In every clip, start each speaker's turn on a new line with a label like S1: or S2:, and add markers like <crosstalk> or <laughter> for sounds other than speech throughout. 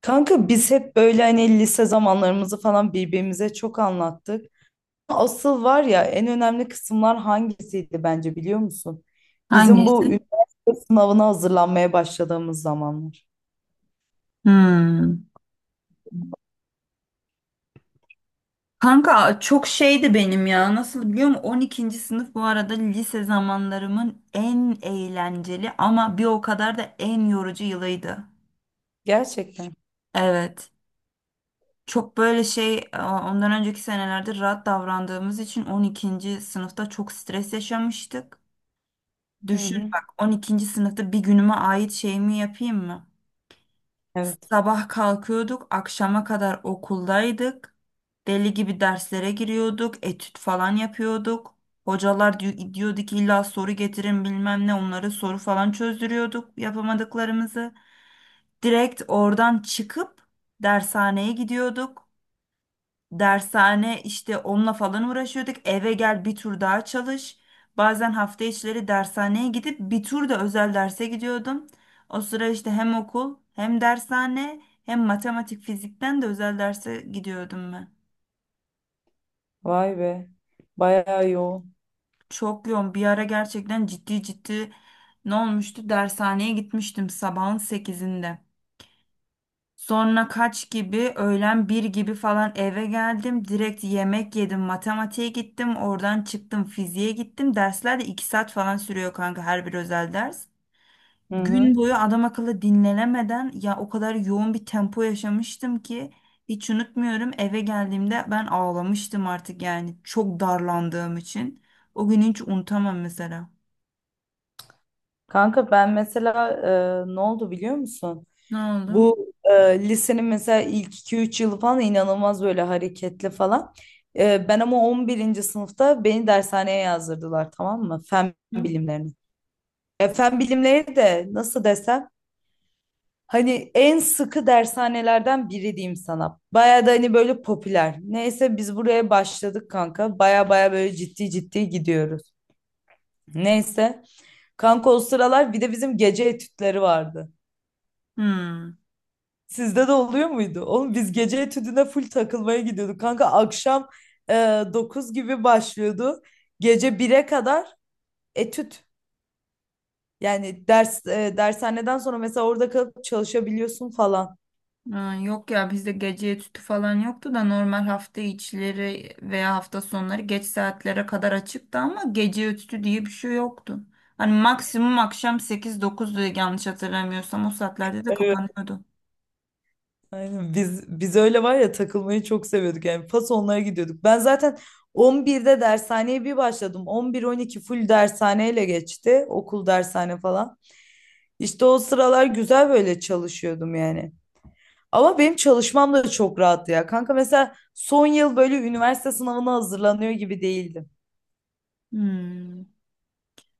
S1: Kanka biz hep böyle hani lise zamanlarımızı falan birbirimize çok anlattık. Asıl var ya en önemli kısımlar hangisiydi bence biliyor musun? Bizim bu
S2: Hangisi?
S1: üniversite sınavına hazırlanmaya başladığımız zamanlar.
S2: Hmm. Kanka çok şeydi benim ya. Nasıl biliyor musun? 12. sınıf bu arada lise zamanlarımın en eğlenceli ama bir o kadar da en yorucu yılıydı.
S1: Gerçekten.
S2: Evet. Çok böyle şey ondan önceki senelerde rahat davrandığımız için 12. sınıfta çok stres yaşamıştık.
S1: Hı
S2: Düşün
S1: hı.
S2: bak, 12. sınıfta bir günüme ait şeyimi yapayım mı?
S1: Evet.
S2: Sabah kalkıyorduk, akşama kadar okuldaydık. Deli gibi derslere giriyorduk, etüt falan yapıyorduk. Hocalar diyordu ki illa soru getirin bilmem ne, onları soru falan çözdürüyorduk yapamadıklarımızı. Direkt oradan çıkıp dershaneye gidiyorduk. Dershane işte, onunla falan uğraşıyorduk. Eve gel, bir tur daha çalış. Bazen hafta içleri dershaneye gidip bir tur da özel derse gidiyordum. O sıra işte hem okul, hem dershane, hem matematik fizikten de özel derse gidiyordum ben.
S1: Vay be. Bayağı yoğun.
S2: Çok yoğun bir ara, gerçekten ciddi ciddi, ne olmuştu? Dershaneye gitmiştim sabahın 8'inde. Sonra kaç gibi, öğlen bir gibi falan eve geldim. Direkt yemek yedim. Matematiğe gittim. Oradan çıktım. Fiziğe gittim. Dersler de 2 saat falan sürüyor kanka, her bir özel ders.
S1: Hı hı.
S2: Gün boyu adam akıllı dinlenemeden, ya o kadar yoğun bir tempo yaşamıştım ki hiç unutmuyorum. Eve geldiğimde ben ağlamıştım artık, yani çok darlandığım için. O günü hiç unutamam mesela.
S1: Kanka ben mesela ne oldu biliyor musun?
S2: Ne oldu?
S1: Bu lisenin mesela ilk 2-3 yılı falan inanılmaz böyle hareketli falan. Ben ama 11. sınıfta beni dershaneye yazdırdılar, tamam mı? Fen
S2: Hı?
S1: bilimlerini. Fen bilimleri de nasıl desem hani en sıkı dershanelerden biri diyeyim sana. Baya da hani böyle popüler. Neyse biz buraya başladık kanka. Baya baya böyle ciddi ciddi gidiyoruz. Neyse. Kanka o sıralar bir de bizim gece etütleri vardı.
S2: Hmm.
S1: Sizde de oluyor muydu? Oğlum biz gece etüdüne full takılmaya gidiyorduk. Kanka akşam e, 9 gibi başlıyordu. Gece 1'e kadar etüt. Yani dershaneden sonra mesela orada kalıp çalışabiliyorsun falan.
S2: Ha, yok ya, bizde gece etütü falan yoktu da normal hafta içleri veya hafta sonları geç saatlere kadar açıktı, ama gece etütü diye bir şey yoktu. Hani maksimum akşam 8-9 diye yanlış hatırlamıyorsam, o saatlerde de
S1: Evet.
S2: kapanıyordu.
S1: Aynen. Biz öyle var ya takılmayı çok seviyorduk. Yani pas onlara gidiyorduk. Ben zaten 11'de dershaneye bir başladım. 11, 12 full dershaneyle geçti. Okul dershane falan. İşte o sıralar güzel böyle çalışıyordum yani. Ama benim çalışmam da çok rahattı ya. Kanka mesela son yıl böyle üniversite sınavına hazırlanıyor gibi değildim.
S2: Hmm.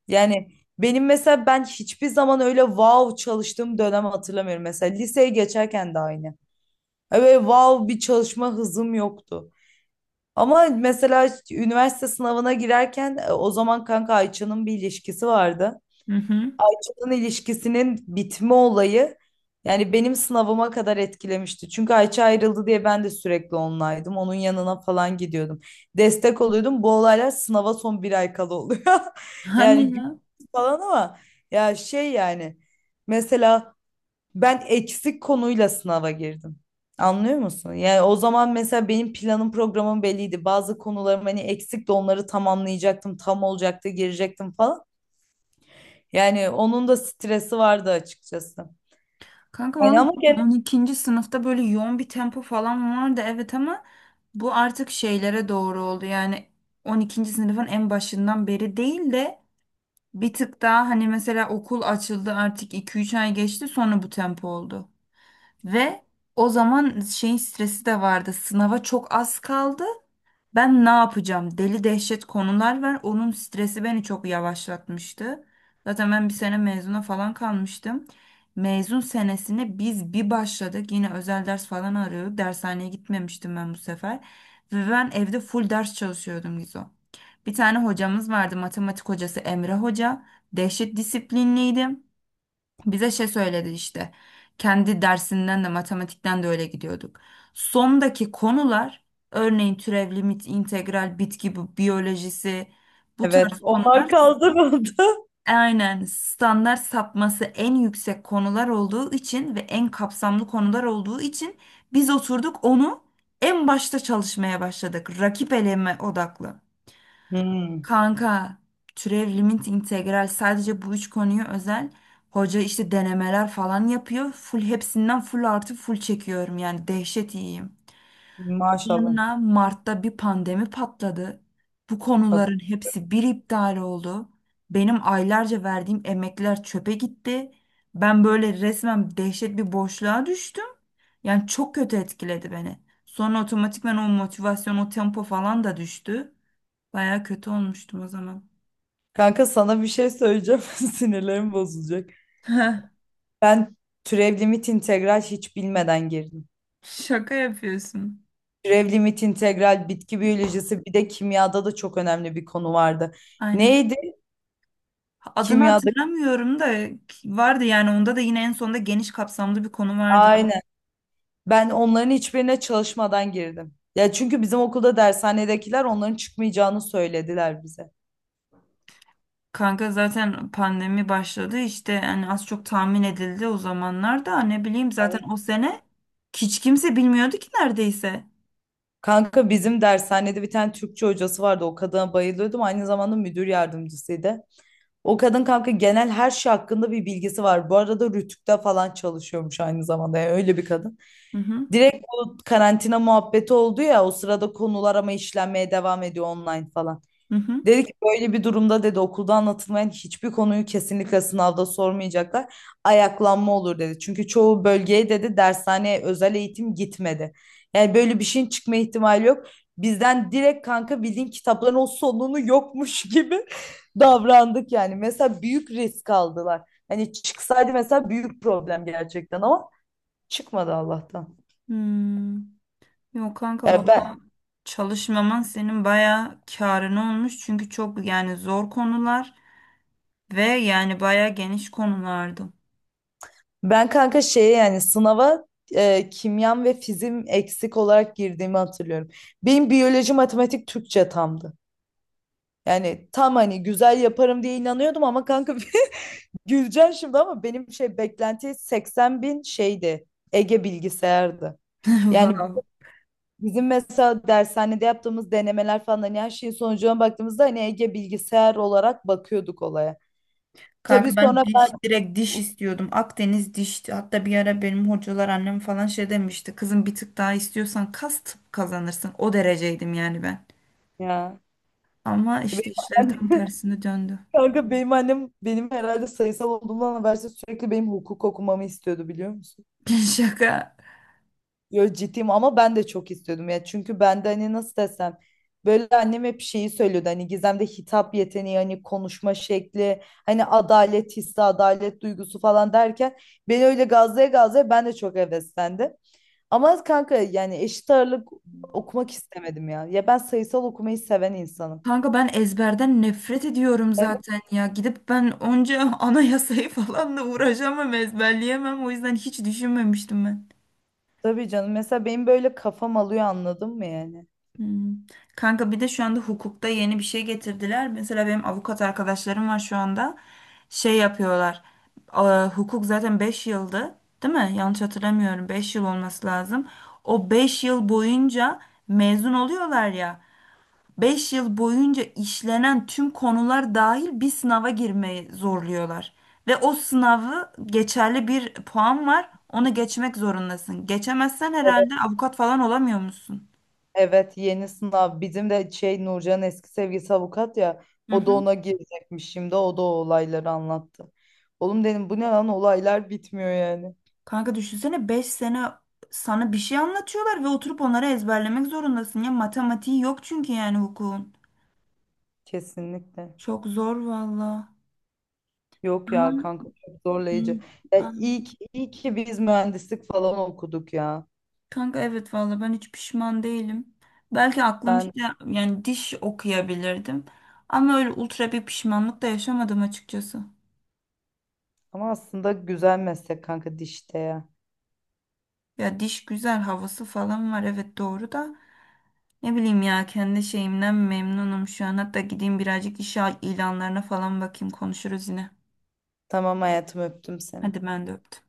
S1: Yani benim mesela ben hiçbir zaman öyle wow çalıştığım dönem hatırlamıyorum. Mesela liseye geçerken de aynı. Öyle wow bir çalışma hızım yoktu. Ama mesela üniversite sınavına girerken o zaman kanka Ayça'nın bir ilişkisi vardı.
S2: Hı hı. <laughs>
S1: İnsan ilişkisinin bitme olayı yani benim sınavıma kadar etkilemişti. Çünkü Ayça ayrıldı diye ben de sürekli onlaydım. Onun yanına falan gidiyordum. Destek oluyordum. Bu olaylar sınava son bir ay kala oluyor. <laughs> Yani
S2: Hani ya.
S1: gülüyoruz falan ama ya şey yani mesela ben eksik konuyla sınava girdim. Anlıyor musun? Yani o zaman mesela benim planım programım belliydi. Bazı konularım hani eksik de onları tamamlayacaktım. Tam olacaktı girecektim falan. Yani onun da stresi vardı açıkçası.
S2: Kanka
S1: Yani
S2: valla
S1: ama gene
S2: 12. sınıfta böyle yoğun bir tempo falan vardı, evet, ama bu artık şeylere doğru oldu. Yani 12. sınıfın en başından beri değil de bir tık daha, hani mesela okul açıldı, artık 2-3 ay geçti, sonra bu tempo oldu. Ve o zaman şeyin stresi de vardı. Sınava çok az kaldı. Ben ne yapacağım? Deli dehşet konular var. Onun stresi beni çok yavaşlatmıştı. Zaten ben bir sene mezuna falan kalmıştım. Mezun senesine biz bir başladık. Yine özel ders falan arıyorduk. Dershaneye gitmemiştim ben bu sefer. Ve ben evde full ders çalışıyordum Gizo. Bir tane hocamız vardı, matematik hocası Emre Hoca. Dehşet disiplinliydi. Bize şey söyledi işte. Kendi dersinden de, matematikten de öyle gidiyorduk. Sondaki konular, örneğin türev, limit, integral, bitki biyolojisi, bu
S1: evet
S2: tarz konular,
S1: onlar kaldırıldı. <laughs>
S2: aynen standart sapması en yüksek konular olduğu için ve en kapsamlı konular olduğu için, biz oturduk onu en başta çalışmaya başladık. Rakip eleme odaklı.
S1: Hmm,
S2: Kanka, türev, limit, integral, sadece bu üç konuyu özel. Hoca işte denemeler falan yapıyor. Full hepsinden full artı full çekiyorum, yani dehşet iyiyim.
S1: maşallah.
S2: Sonra Mart'ta bir pandemi patladı. Bu
S1: Kad-
S2: konuların hepsi bir iptal oldu. Benim aylarca verdiğim emekler çöpe gitti. Ben böyle resmen dehşet bir boşluğa düştüm. Yani çok kötü etkiledi beni. Sonra otomatikman o motivasyon, o tempo falan da düştü. Baya kötü olmuştum o zaman.
S1: Kanka sana bir şey söyleyeceğim. <laughs> Sinirlerim bozulacak.
S2: <laughs> Heh,
S1: Ben türev limit integral hiç bilmeden girdim.
S2: şaka yapıyorsun.
S1: Türev limit integral bitki biyolojisi bir de kimyada da çok önemli bir konu vardı.
S2: Aynen.
S1: Neydi?
S2: Adını
S1: Kimyada.
S2: hatırlamıyorum da vardı yani, onda da yine en sonunda geniş kapsamlı bir konu vardı.
S1: Aynen. Ben onların hiçbirine çalışmadan girdim. Ya çünkü bizim okulda dershanedekiler onların çıkmayacağını söylediler bize.
S2: Kanka zaten pandemi başladı işte, yani az çok tahmin edildi o zamanlarda, ne bileyim, zaten o sene hiç kimse bilmiyordu ki neredeyse.
S1: Kanka bizim dershanede bir tane Türkçe hocası vardı. O kadına bayılıyordum. Aynı zamanda müdür yardımcısıydı. O kadın kanka genel her şey hakkında bir bilgisi var. Bu arada Rütük'te falan çalışıyormuş aynı zamanda. Yani öyle bir kadın.
S2: Hı hı.
S1: Direkt bu karantina muhabbeti oldu ya o sırada konular ama işlenmeye devam ediyor online falan.
S2: Hı hı.
S1: Dedi ki böyle bir durumda dedi okulda anlatılmayan hiçbir konuyu kesinlikle sınavda sormayacaklar. Ayaklanma olur dedi. Çünkü çoğu bölgeye dedi dershaneye özel eğitim gitmedi. Yani böyle bir şeyin çıkma ihtimali yok. Bizden direkt kanka bildiğin kitapların o sonunu yokmuş <laughs> gibi davrandık yani. Mesela büyük risk aldılar. Hani çıksaydı mesela büyük problem gerçekten ama çıkmadı Allah'tan.
S2: Hmm. Yok kanka
S1: Yani ben
S2: vallahi, çalışmaman senin bayağı kârına olmuş, çünkü çok yani zor konular ve yani bayağı geniş konulardı.
S1: Ben kanka şeye yani sınava kimyam ve fizim eksik olarak girdiğimi hatırlıyorum. Benim biyoloji, matematik, Türkçe tamdı. Yani tam hani güzel yaparım diye inanıyordum ama kanka <laughs> güleceksin şimdi ama benim şey beklenti 80 bin şeydi. Ege bilgisayardı.
S2: <laughs>
S1: Yani
S2: Wow.
S1: bizim mesela dershanede yaptığımız denemeler falan hani her şeyin sonucuna baktığımızda hani Ege bilgisayar olarak bakıyorduk olaya. Tabii
S2: Kanka ben
S1: sonra ben
S2: diş, direkt diş istiyordum. Akdeniz dişti. Hatta bir ara benim hocalar, annem falan şey demişti. Kızım, bir tık daha istiyorsan kas tıp kazanırsın. O dereceydim yani ben.
S1: ya.
S2: Ama işte işler tam
S1: <laughs>
S2: tersine döndü.
S1: Kanka benim annem benim herhalde sayısal olduğumdan habersiz sürekli benim hukuk okumamı istiyordu biliyor musun?
S2: <laughs> Şaka.
S1: Yo ciddiyim ama ben de çok istiyordum ya. Çünkü ben de hani nasıl desem böyle annem hep şeyi söylüyordu hani Gizem'de hitap yeteneği hani konuşma şekli hani adalet hissi adalet duygusu falan derken beni öyle gazlaya gazlaya ben de çok heveslendim. Ama kanka yani eşit ağırlık okumak istemedim ya. Ya ben sayısal okumayı seven insanım.
S2: Kanka ben ezberden nefret ediyorum
S1: Evet.
S2: zaten ya. Gidip ben onca <laughs> anayasayı falan da uğraşamam, ezberleyemem. O yüzden hiç düşünmemiştim ben.
S1: Tabii canım mesela benim böyle kafam alıyor anladın mı yani?
S2: Hmm. Kanka bir de şu anda hukukta yeni bir şey getirdiler. Mesela benim avukat arkadaşlarım var şu anda. Şey yapıyorlar. Aa, hukuk zaten 5 yıldı, değil mi? Yanlış hatırlamıyorum, 5 yıl olması lazım. O 5 yıl boyunca mezun oluyorlar ya. 5 yıl boyunca işlenen tüm konular dahil bir sınava girmeyi zorluyorlar. Ve o sınavı geçerli bir puan var. Onu geçmek zorundasın. Geçemezsen
S1: Evet,
S2: herhalde avukat falan olamıyor musun?
S1: evet yeni sınav. Bizim de şey Nurcan'ın eski sevgilisi avukat ya. O da ona girecekmiş şimdi. O da o olayları anlattı. Oğlum dedim bu ne lan olaylar bitmiyor yani.
S2: Kanka düşünsene, 5 sene sana bir şey anlatıyorlar ve oturup onları ezberlemek zorundasın ya. Matematiği yok çünkü, yani hukukun.
S1: Kesinlikle.
S2: Çok zor valla.
S1: Yok
S2: Ama
S1: ya kanka çok
S2: hı,
S1: zorlayıcı. Ya
S2: aynen.
S1: iyi ki, iyi ki biz mühendislik falan okuduk ya.
S2: Kanka evet, valla ben hiç pişman değilim. Belki aklım
S1: Ben
S2: işte, yani diş okuyabilirdim. Ama öyle ultra bir pişmanlık da yaşamadım açıkçası.
S1: ama aslında güzel meslek kanka dişte ya.
S2: Ya diş güzel havası falan var, evet doğru da. Ne bileyim ya, kendi şeyimden memnunum şu an. Hatta gideyim birazcık iş ilanlarına falan bakayım, konuşuruz yine.
S1: Tamam hayatım öptüm seni.
S2: Hadi ben de öptüm.